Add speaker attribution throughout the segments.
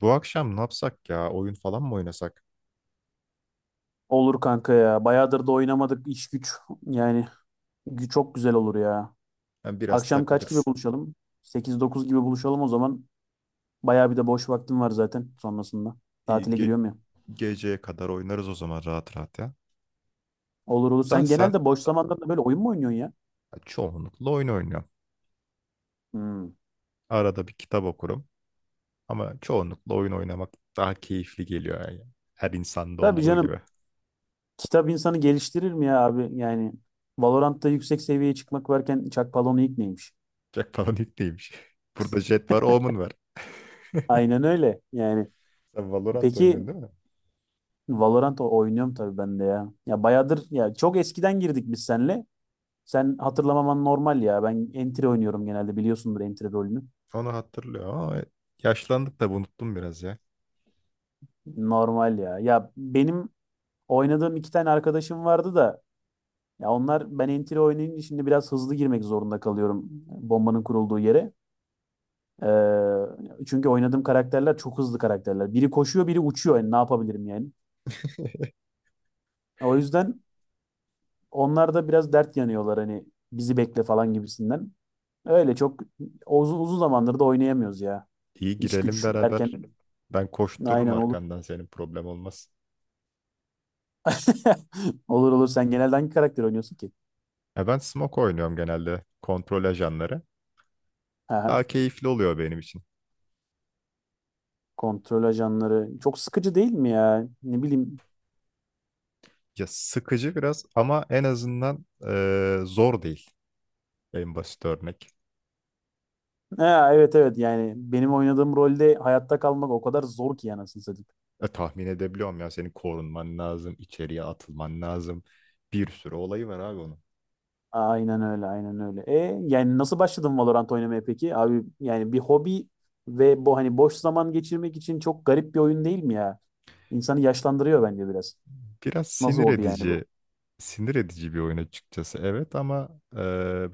Speaker 1: Bu akşam ne yapsak ya? Oyun falan mı oynasak?
Speaker 2: Olur kanka ya. Bayağıdır da oynamadık iş güç. Yani çok güzel olur ya.
Speaker 1: Hem biraz
Speaker 2: Akşam kaç gibi
Speaker 1: takılırız.
Speaker 2: buluşalım? 8-9 gibi buluşalım o zaman. Bayağı bir de boş vaktim var zaten sonrasında.
Speaker 1: İyi,
Speaker 2: Tatile giriyorum ya.
Speaker 1: geceye kadar oynarız o zaman rahat rahat ya.
Speaker 2: Olur olur.
Speaker 1: Da
Speaker 2: Sen
Speaker 1: sen
Speaker 2: genelde boş zamanlarında böyle oyun mu oynuyorsun ya?
Speaker 1: çoğunlukla oyun oynuyorsun.
Speaker 2: Hmm.
Speaker 1: Arada bir kitap okurum. Ama çoğunlukla oyun oynamak daha keyifli geliyor yani. Her insanda
Speaker 2: Tabii
Speaker 1: olduğu gibi.
Speaker 2: canım. Kitap insanı geliştirir mi ya abi? Yani Valorant'ta yüksek seviyeye çıkmak varken Çakpalon'u ilk neymiş?
Speaker 1: Jack falan ilk neymiş? Burada Jet var, Omen var.
Speaker 2: Aynen öyle. Yani
Speaker 1: Sen Valorant
Speaker 2: peki
Speaker 1: oynuyorsun değil mi?
Speaker 2: Valorant oynuyorum tabii ben de ya. Ya bayağıdır ya çok eskiden girdik biz seninle. Sen hatırlamaman normal ya. Ben entry oynuyorum genelde biliyorsundur entry rolünü.
Speaker 1: Onu hatırlıyor ama yaşlandık da unuttum biraz ya.
Speaker 2: Normal ya. Ya benim oynadığım iki tane arkadaşım vardı da ya onlar ben entry oynayınca şimdi biraz hızlı girmek zorunda kalıyorum bombanın kurulduğu yere. Çünkü oynadığım karakterler çok hızlı karakterler. Biri koşuyor, biri uçuyor. Yani ne yapabilirim yani? O yüzden onlar da biraz dert yanıyorlar hani bizi bekle falan gibisinden. Öyle çok uzun uzun zamandır da oynayamıyoruz ya.
Speaker 1: İyi
Speaker 2: İş
Speaker 1: girelim
Speaker 2: güç derken
Speaker 1: beraber. Ben koştururum
Speaker 2: aynen
Speaker 1: arkandan senin problem olmaz.
Speaker 2: Olur olur. Sen genelde hangi karakter oynuyorsun ki?
Speaker 1: Ya ben smoke oynuyorum genelde kontrol ajanları. Daha
Speaker 2: Aha.
Speaker 1: keyifli oluyor benim için.
Speaker 2: Kontrol ajanları. Çok sıkıcı değil mi ya? Ne bileyim.
Speaker 1: Ya sıkıcı biraz ama en azından zor değil en basit örnek.
Speaker 2: Ha, evet evet yani benim oynadığım rolde hayatta kalmak o kadar zor ki anasını satayım.
Speaker 1: E, tahmin edebiliyorum ya senin korunman lazım, içeriye atılman lazım. Bir sürü olayı var abi onun.
Speaker 2: Aynen öyle aynen öyle. E yani nasıl başladın Valorant oynamaya peki? Abi yani bir hobi ve bu hani boş zaman geçirmek için çok garip bir oyun değil mi ya? İnsanı yaşlandırıyor bence biraz.
Speaker 1: Biraz
Speaker 2: Nasıl
Speaker 1: sinir
Speaker 2: hobi yani bu?
Speaker 1: edici, sinir edici bir oyun açıkçası. Evet ama e,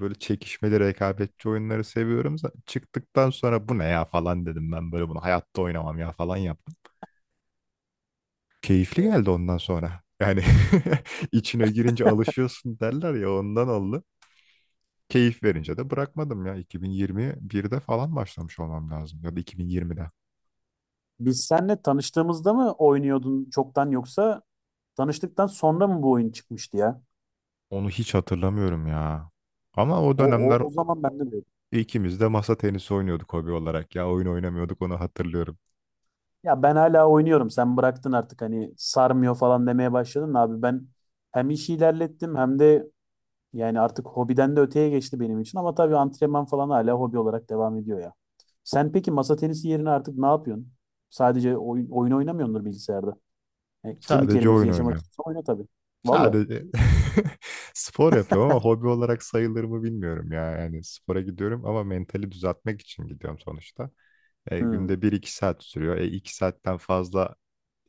Speaker 1: böyle çekişmeli, rekabetçi oyunları seviyorum. Çıktıktan sonra bu ne ya falan dedim ben böyle bunu hayatta oynamam ya falan yaptım. Keyifli
Speaker 2: Evet.
Speaker 1: geldi ondan sonra. Yani içine girince alışıyorsun derler ya ondan oldu. Keyif verince de bırakmadım ya. 2021'de falan başlamış olmam lazım ya da 2020'de.
Speaker 2: Biz seninle tanıştığımızda mı oynuyordun çoktan yoksa tanıştıktan sonra mı bu oyun çıkmıştı ya?
Speaker 1: Onu hiç hatırlamıyorum ya. Ama o
Speaker 2: O,
Speaker 1: dönemler
Speaker 2: o, o zaman ben de dedim.
Speaker 1: İkimiz de masa tenisi oynuyorduk hobi olarak ya. Oyun oynamıyorduk onu hatırlıyorum.
Speaker 2: Ya ben hala oynuyorum. Sen bıraktın artık hani sarmıyor falan demeye başladın da abi. Ben hem işi ilerlettim hem de yani artık hobiden de öteye geçti benim için. Ama tabii antrenman falan hala hobi olarak devam ediyor ya. Sen peki masa tenisi yerine artık ne yapıyorsun? Sadece oyun oynamıyordur bilgisayarda. E, kemik
Speaker 1: Sadece
Speaker 2: erimesi
Speaker 1: oyun
Speaker 2: yaşamak
Speaker 1: oynuyorum.
Speaker 2: istiyorsan oyna tabii. Valla.
Speaker 1: Sadece spor yapıyorum ama hobi olarak sayılır mı bilmiyorum ya. Yani spora gidiyorum ama mentali düzeltmek için gidiyorum sonuçta. E,
Speaker 2: Hmm.
Speaker 1: günde bir iki saat sürüyor. E, 2 saatten fazla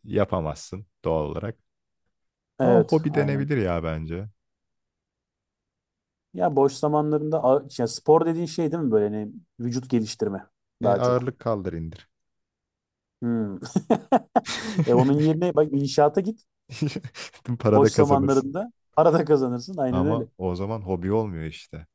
Speaker 1: yapamazsın doğal olarak. Ama
Speaker 2: Evet,
Speaker 1: hobi
Speaker 2: aynen.
Speaker 1: denebilir ya bence.
Speaker 2: Ya boş zamanlarında ya spor dediğin şey değil mi böyle hani vücut geliştirme
Speaker 1: E,
Speaker 2: daha çok.
Speaker 1: ağırlık kaldır indir.
Speaker 2: Hmm. E onun yerine bak inşaata git.
Speaker 1: Para
Speaker 2: Boş
Speaker 1: da kazanırsın.
Speaker 2: zamanlarında para da kazanırsın. Aynen öyle.
Speaker 1: Ama o zaman hobi olmuyor işte.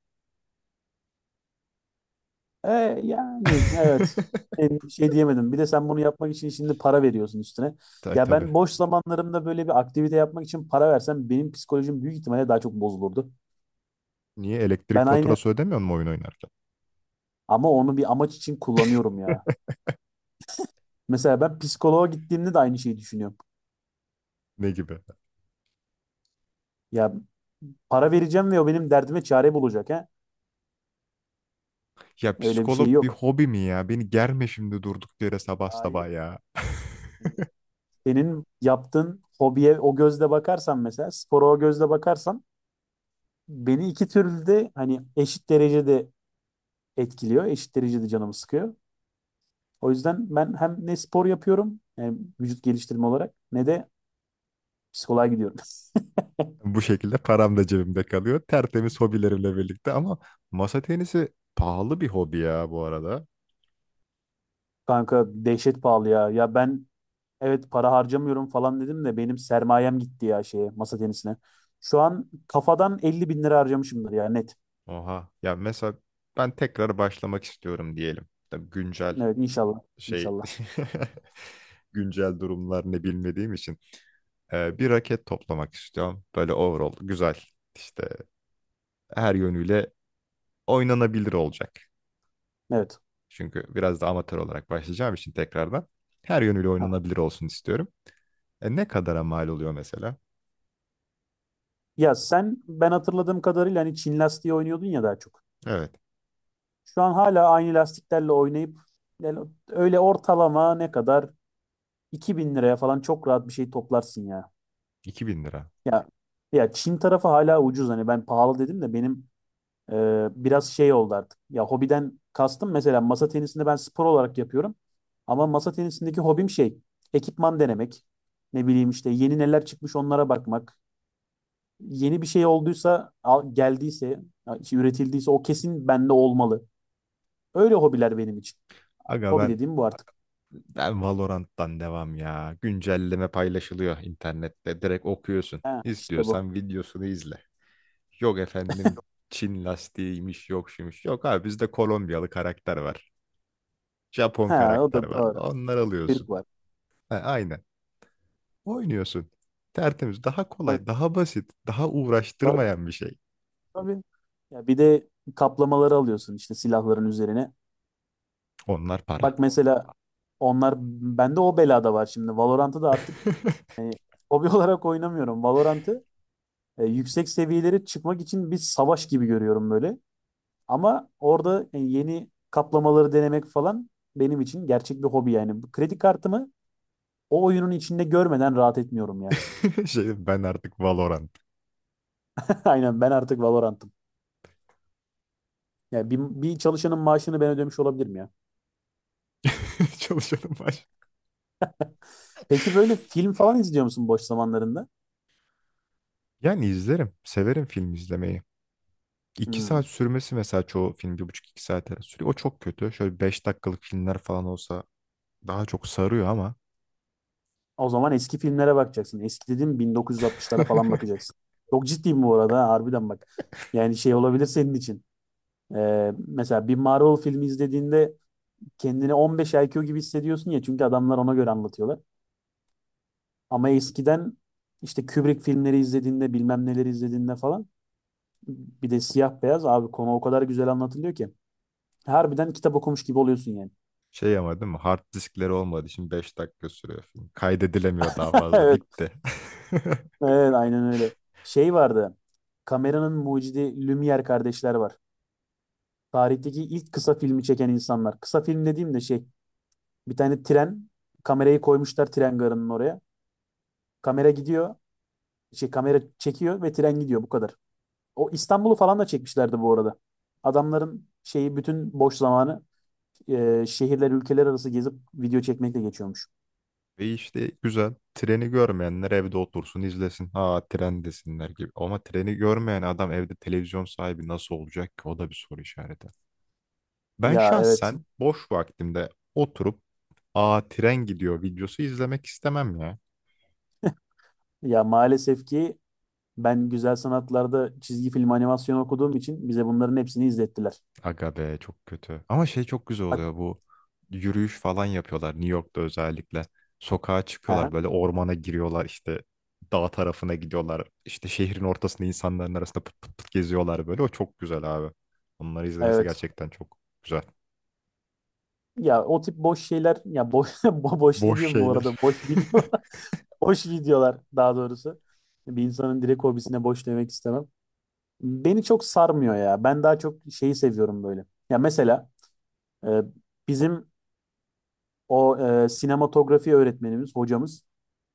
Speaker 2: E, yani evet. E, bir şey diyemedim. Bir de sen bunu yapmak için şimdi para veriyorsun üstüne. Ya
Speaker 1: Tabii.
Speaker 2: ben boş zamanlarımda böyle bir aktivite yapmak için para versem benim psikolojim büyük ihtimalle daha çok bozulurdu.
Speaker 1: Niye elektrik
Speaker 2: Ben aynı
Speaker 1: faturası ödemiyor mu oyun oynarken?
Speaker 2: ama onu bir amaç için kullanıyorum ya. Mesela ben psikoloğa gittiğimde de aynı şeyi düşünüyorum.
Speaker 1: Ne gibi?
Speaker 2: Ya para vereceğim ve o benim derdime çare bulacak ha.
Speaker 1: Ya
Speaker 2: Öyle bir şey
Speaker 1: psikolog bir
Speaker 2: yok.
Speaker 1: hobi mi ya? Beni germe şimdi durduk yere sabah
Speaker 2: Hayır.
Speaker 1: sabah ya.
Speaker 2: Senin yaptığın hobiye o gözle bakarsan mesela spora o gözle bakarsan beni iki türlü de hani eşit derecede etkiliyor. Eşit derecede canımı sıkıyor. O yüzden ben hem ne spor yapıyorum yani vücut geliştirme olarak ne de psikoloğa gidiyorum.
Speaker 1: Bu şekilde param da cebimde kalıyor. Tertemiz hobilerimle birlikte ama masa tenisi pahalı bir hobi ya bu arada.
Speaker 2: Kanka dehşet pahalı ya. Ya ben evet para harcamıyorum falan dedim de benim sermayem gitti ya şeye masa tenisine. Şu an kafadan 50.000 lira harcamışımdır ya net.
Speaker 1: Oha. Ya mesela ben tekrar başlamak istiyorum diyelim. Tabii güncel
Speaker 2: Evet inşallah.
Speaker 1: şey
Speaker 2: İnşallah.
Speaker 1: güncel durumlar ne bilmediğim için.
Speaker 2: Evet.
Speaker 1: Bir raket toplamak istiyorum. Böyle overall güzel işte her yönüyle oynanabilir olacak.
Speaker 2: Evet.
Speaker 1: Çünkü biraz da amatör olarak başlayacağım için tekrardan her yönüyle
Speaker 2: Aha.
Speaker 1: oynanabilir olsun istiyorum. E, ne kadara mal oluyor mesela?
Speaker 2: Ya sen ben hatırladığım kadarıyla hani Çin lastiği oynuyordun ya daha çok.
Speaker 1: Evet
Speaker 2: Şu an hala aynı lastiklerle oynayıp yani öyle ortalama ne kadar 2.000 liraya falan çok rahat bir şey toplarsın ya.
Speaker 1: 2.000 lira.
Speaker 2: Ya ya Çin tarafı hala ucuz hani ben pahalı dedim de benim biraz şey oldu artık. Ya hobiden kastım mesela masa tenisini ben spor olarak yapıyorum. Ama masa tenisindeki hobim şey ekipman denemek. Ne bileyim işte yeni neler çıkmış onlara bakmak. Yeni bir şey olduysa, geldiyse, ya işte üretildiyse o kesin bende olmalı. Öyle hobiler benim için.
Speaker 1: Aga
Speaker 2: Hobi
Speaker 1: ben,
Speaker 2: dediğim bu artık.
Speaker 1: ben Valorant'tan devam ya. Güncelleme paylaşılıyor internette. Direkt okuyorsun.
Speaker 2: Ha, işte bu.
Speaker 1: İstiyorsan videosunu izle. Yok efendim Çin lastiğiymiş yok şuymuş. Yok abi bizde Kolombiyalı karakter var. Japon
Speaker 2: Ha, o
Speaker 1: karakter
Speaker 2: da
Speaker 1: var.
Speaker 2: doğru.
Speaker 1: Onlar alıyorsun.
Speaker 2: Türk var.
Speaker 1: Ha, aynen. Oynuyorsun. Tertemiz. Daha
Speaker 2: Tabii,
Speaker 1: kolay, daha basit, daha
Speaker 2: tabii,
Speaker 1: uğraştırmayan bir şey.
Speaker 2: tabii. Ya bir de kaplamaları alıyorsun işte silahların üzerine.
Speaker 1: Onlar para.
Speaker 2: Bak mesela onlar bende o belada var şimdi. Valorant'ı da artık e, hobi olarak oynamıyorum. Valorant'ı yüksek seviyelere çıkmak için bir savaş gibi görüyorum böyle. Ama orada yani yeni kaplamaları denemek falan benim için gerçek bir hobi yani. Bu kredi kartımı o oyunun içinde görmeden rahat etmiyorum ya.
Speaker 1: Şey, ben artık Valorant
Speaker 2: Aynen ben artık Valorant'ım. Yani bir çalışanın maaşını ben ödemiş olabilirim ya.
Speaker 1: çalışanım var.
Speaker 2: Peki böyle film falan izliyor musun boş zamanlarında?
Speaker 1: Yani izlerim. Severim film izlemeyi. İki saat
Speaker 2: Hmm.
Speaker 1: sürmesi mesela çoğu film bir buçuk iki saat arası sürüyor. O çok kötü. Şöyle 5 dakikalık filmler falan olsa daha çok sarıyor ama
Speaker 2: O zaman eski filmlere bakacaksın. Eski dediğim 1960'lara falan bakacaksın. Çok ciddiyim bu arada ha, harbiden bak. Yani şey olabilir senin için. Mesela bir Marvel filmi izlediğinde kendini 15 IQ gibi hissediyorsun ya çünkü adamlar ona göre anlatıyorlar. Ama eskiden işte Kubrick filmleri izlediğinde bilmem neleri izlediğinde falan bir de siyah beyaz abi konu o kadar güzel anlatılıyor ki. Harbiden kitap okumuş gibi oluyorsun yani.
Speaker 1: şey ama değil mi? Hard diskleri olmadı, şimdi 5 dakika sürüyor film. Kaydedilemiyor daha fazla.
Speaker 2: Evet,
Speaker 1: Bitti.
Speaker 2: evet aynen öyle. Şey vardı. Kameranın mucidi Lumière kardeşler var. Tarihteki ilk kısa filmi çeken insanlar. Kısa film dediğim de şey bir tane tren kamerayı koymuşlar tren garının oraya. Kamera gidiyor. Şey kamera çekiyor ve tren gidiyor bu kadar. O İstanbul'u falan da çekmişlerdi bu arada. Adamların şeyi bütün boş zamanı şehirler ülkeler arası gezip video çekmekle geçiyormuş.
Speaker 1: Ve işte güzel. Treni görmeyenler evde otursun izlesin. Ha tren desinler gibi. Ama treni görmeyen adam evde televizyon sahibi nasıl olacak ki? O da bir soru işareti. Ben
Speaker 2: Ya evet.
Speaker 1: şahsen boş vaktimde oturup aa tren gidiyor videosu izlemek istemem ya.
Speaker 2: Ya maalesef ki ben güzel sanatlarda çizgi film animasyon okuduğum için bize bunların hepsini izlettiler.
Speaker 1: Aga be çok kötü. Ama şey çok güzel
Speaker 2: Bak,
Speaker 1: oluyor bu yürüyüş falan yapıyorlar New York'ta özellikle. Sokağa
Speaker 2: aha,
Speaker 1: çıkıyorlar böyle ormana giriyorlar işte dağ tarafına gidiyorlar. İşte şehrin ortasında insanların arasında pıt pıt pıt geziyorlar böyle. O çok güzel abi. Onları izlemesi
Speaker 2: evet.
Speaker 1: gerçekten çok güzel.
Speaker 2: Ya o tip boş şeyler ya boş boş ne
Speaker 1: Boş
Speaker 2: diyorum bu
Speaker 1: şeyler.
Speaker 2: arada? Boş videolar. Boş videolar daha doğrusu. Bir insanın direkt hobisine boş demek istemem. Beni çok sarmıyor ya. Ben daha çok şeyi seviyorum böyle. Ya mesela e, bizim o sinematografi öğretmenimiz, hocamız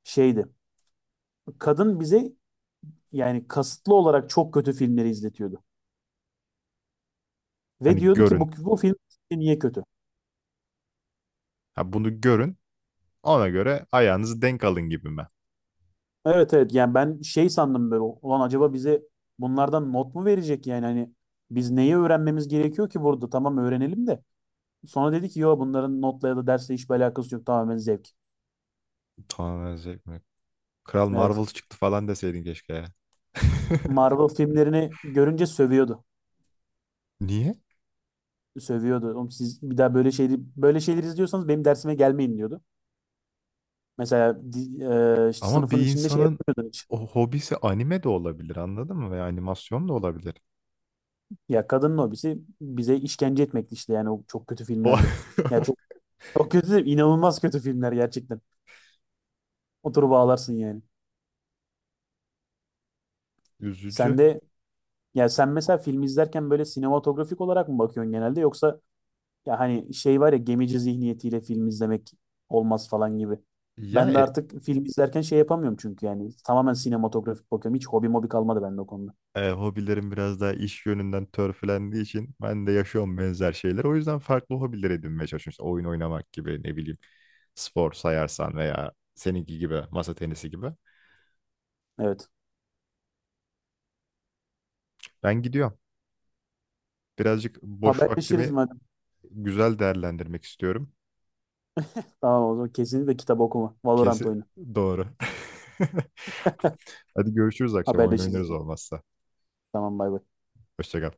Speaker 2: şeydi. Kadın bize yani kasıtlı olarak çok kötü filmleri izletiyordu. Ve
Speaker 1: Hani
Speaker 2: diyordu ki
Speaker 1: görün.
Speaker 2: bu film sizce niye kötü?
Speaker 1: Ha bunu görün. Ona göre ayağınızı denk alın gibi mi?
Speaker 2: Evet evet yani ben şey sandım böyle ulan acaba bize bunlardan not mu verecek yani hani biz neyi öğrenmemiz gerekiyor ki burada tamam öğrenelim de. Sonra dedi ki yo bunların notla ya da dersle hiçbir alakası yok tamamen zevk.
Speaker 1: Tamamen zevk mi? Kral
Speaker 2: Evet.
Speaker 1: Marvel çıktı falan deseydin keşke ya.
Speaker 2: Marvel filmlerini görünce sövüyordu.
Speaker 1: Niye?
Speaker 2: Sövüyordu. Oğlum siz bir daha böyle şeyleri böyle şeyleri izliyorsanız benim dersime gelmeyin diyordu. Mesela
Speaker 1: Ama
Speaker 2: sınıfın
Speaker 1: bir
Speaker 2: içinde şey
Speaker 1: insanın
Speaker 2: yapmıyordun hiç.
Speaker 1: o hobisi anime de olabilir anladın mı? Veya animasyon da olabilir.
Speaker 2: Ya kadının hobisi bize işkence etmekti işte yani o çok kötü filmlerle. Ya
Speaker 1: O
Speaker 2: çok çok kötü değil, inanılmaz kötü filmler gerçekten. Oturup ağlarsın yani. Sen
Speaker 1: üzücü.
Speaker 2: de ya sen mesela film izlerken böyle sinematografik olarak mı bakıyorsun genelde yoksa ya hani şey var ya gemici zihniyetiyle film izlemek olmaz falan gibi.
Speaker 1: Ya
Speaker 2: Ben de artık film izlerken şey yapamıyorum çünkü yani tamamen sinematografik bakıyorum. Hiç hobi mobi kalmadı bende o konuda.
Speaker 1: hobilerim biraz daha iş yönünden törpülendiği için ben de yaşıyorum benzer şeyler. O yüzden farklı hobiler edinmeye çalışıyorum. İşte oyun oynamak gibi ne bileyim spor sayarsan veya seninki gibi masa tenisi gibi.
Speaker 2: Evet.
Speaker 1: Ben gidiyorum. Birazcık boş
Speaker 2: Haberleşiriz
Speaker 1: vaktimi
Speaker 2: madem.
Speaker 1: güzel değerlendirmek istiyorum.
Speaker 2: Tamam o zaman kesinlikle kitap okuma. Valorant
Speaker 1: Kesin
Speaker 2: oyunu.
Speaker 1: doğru. Hadi görüşürüz akşam oyun
Speaker 2: Haberleşiriz.
Speaker 1: oynarız olmazsa.
Speaker 2: Tamam bay bay.
Speaker 1: Hoşça kal.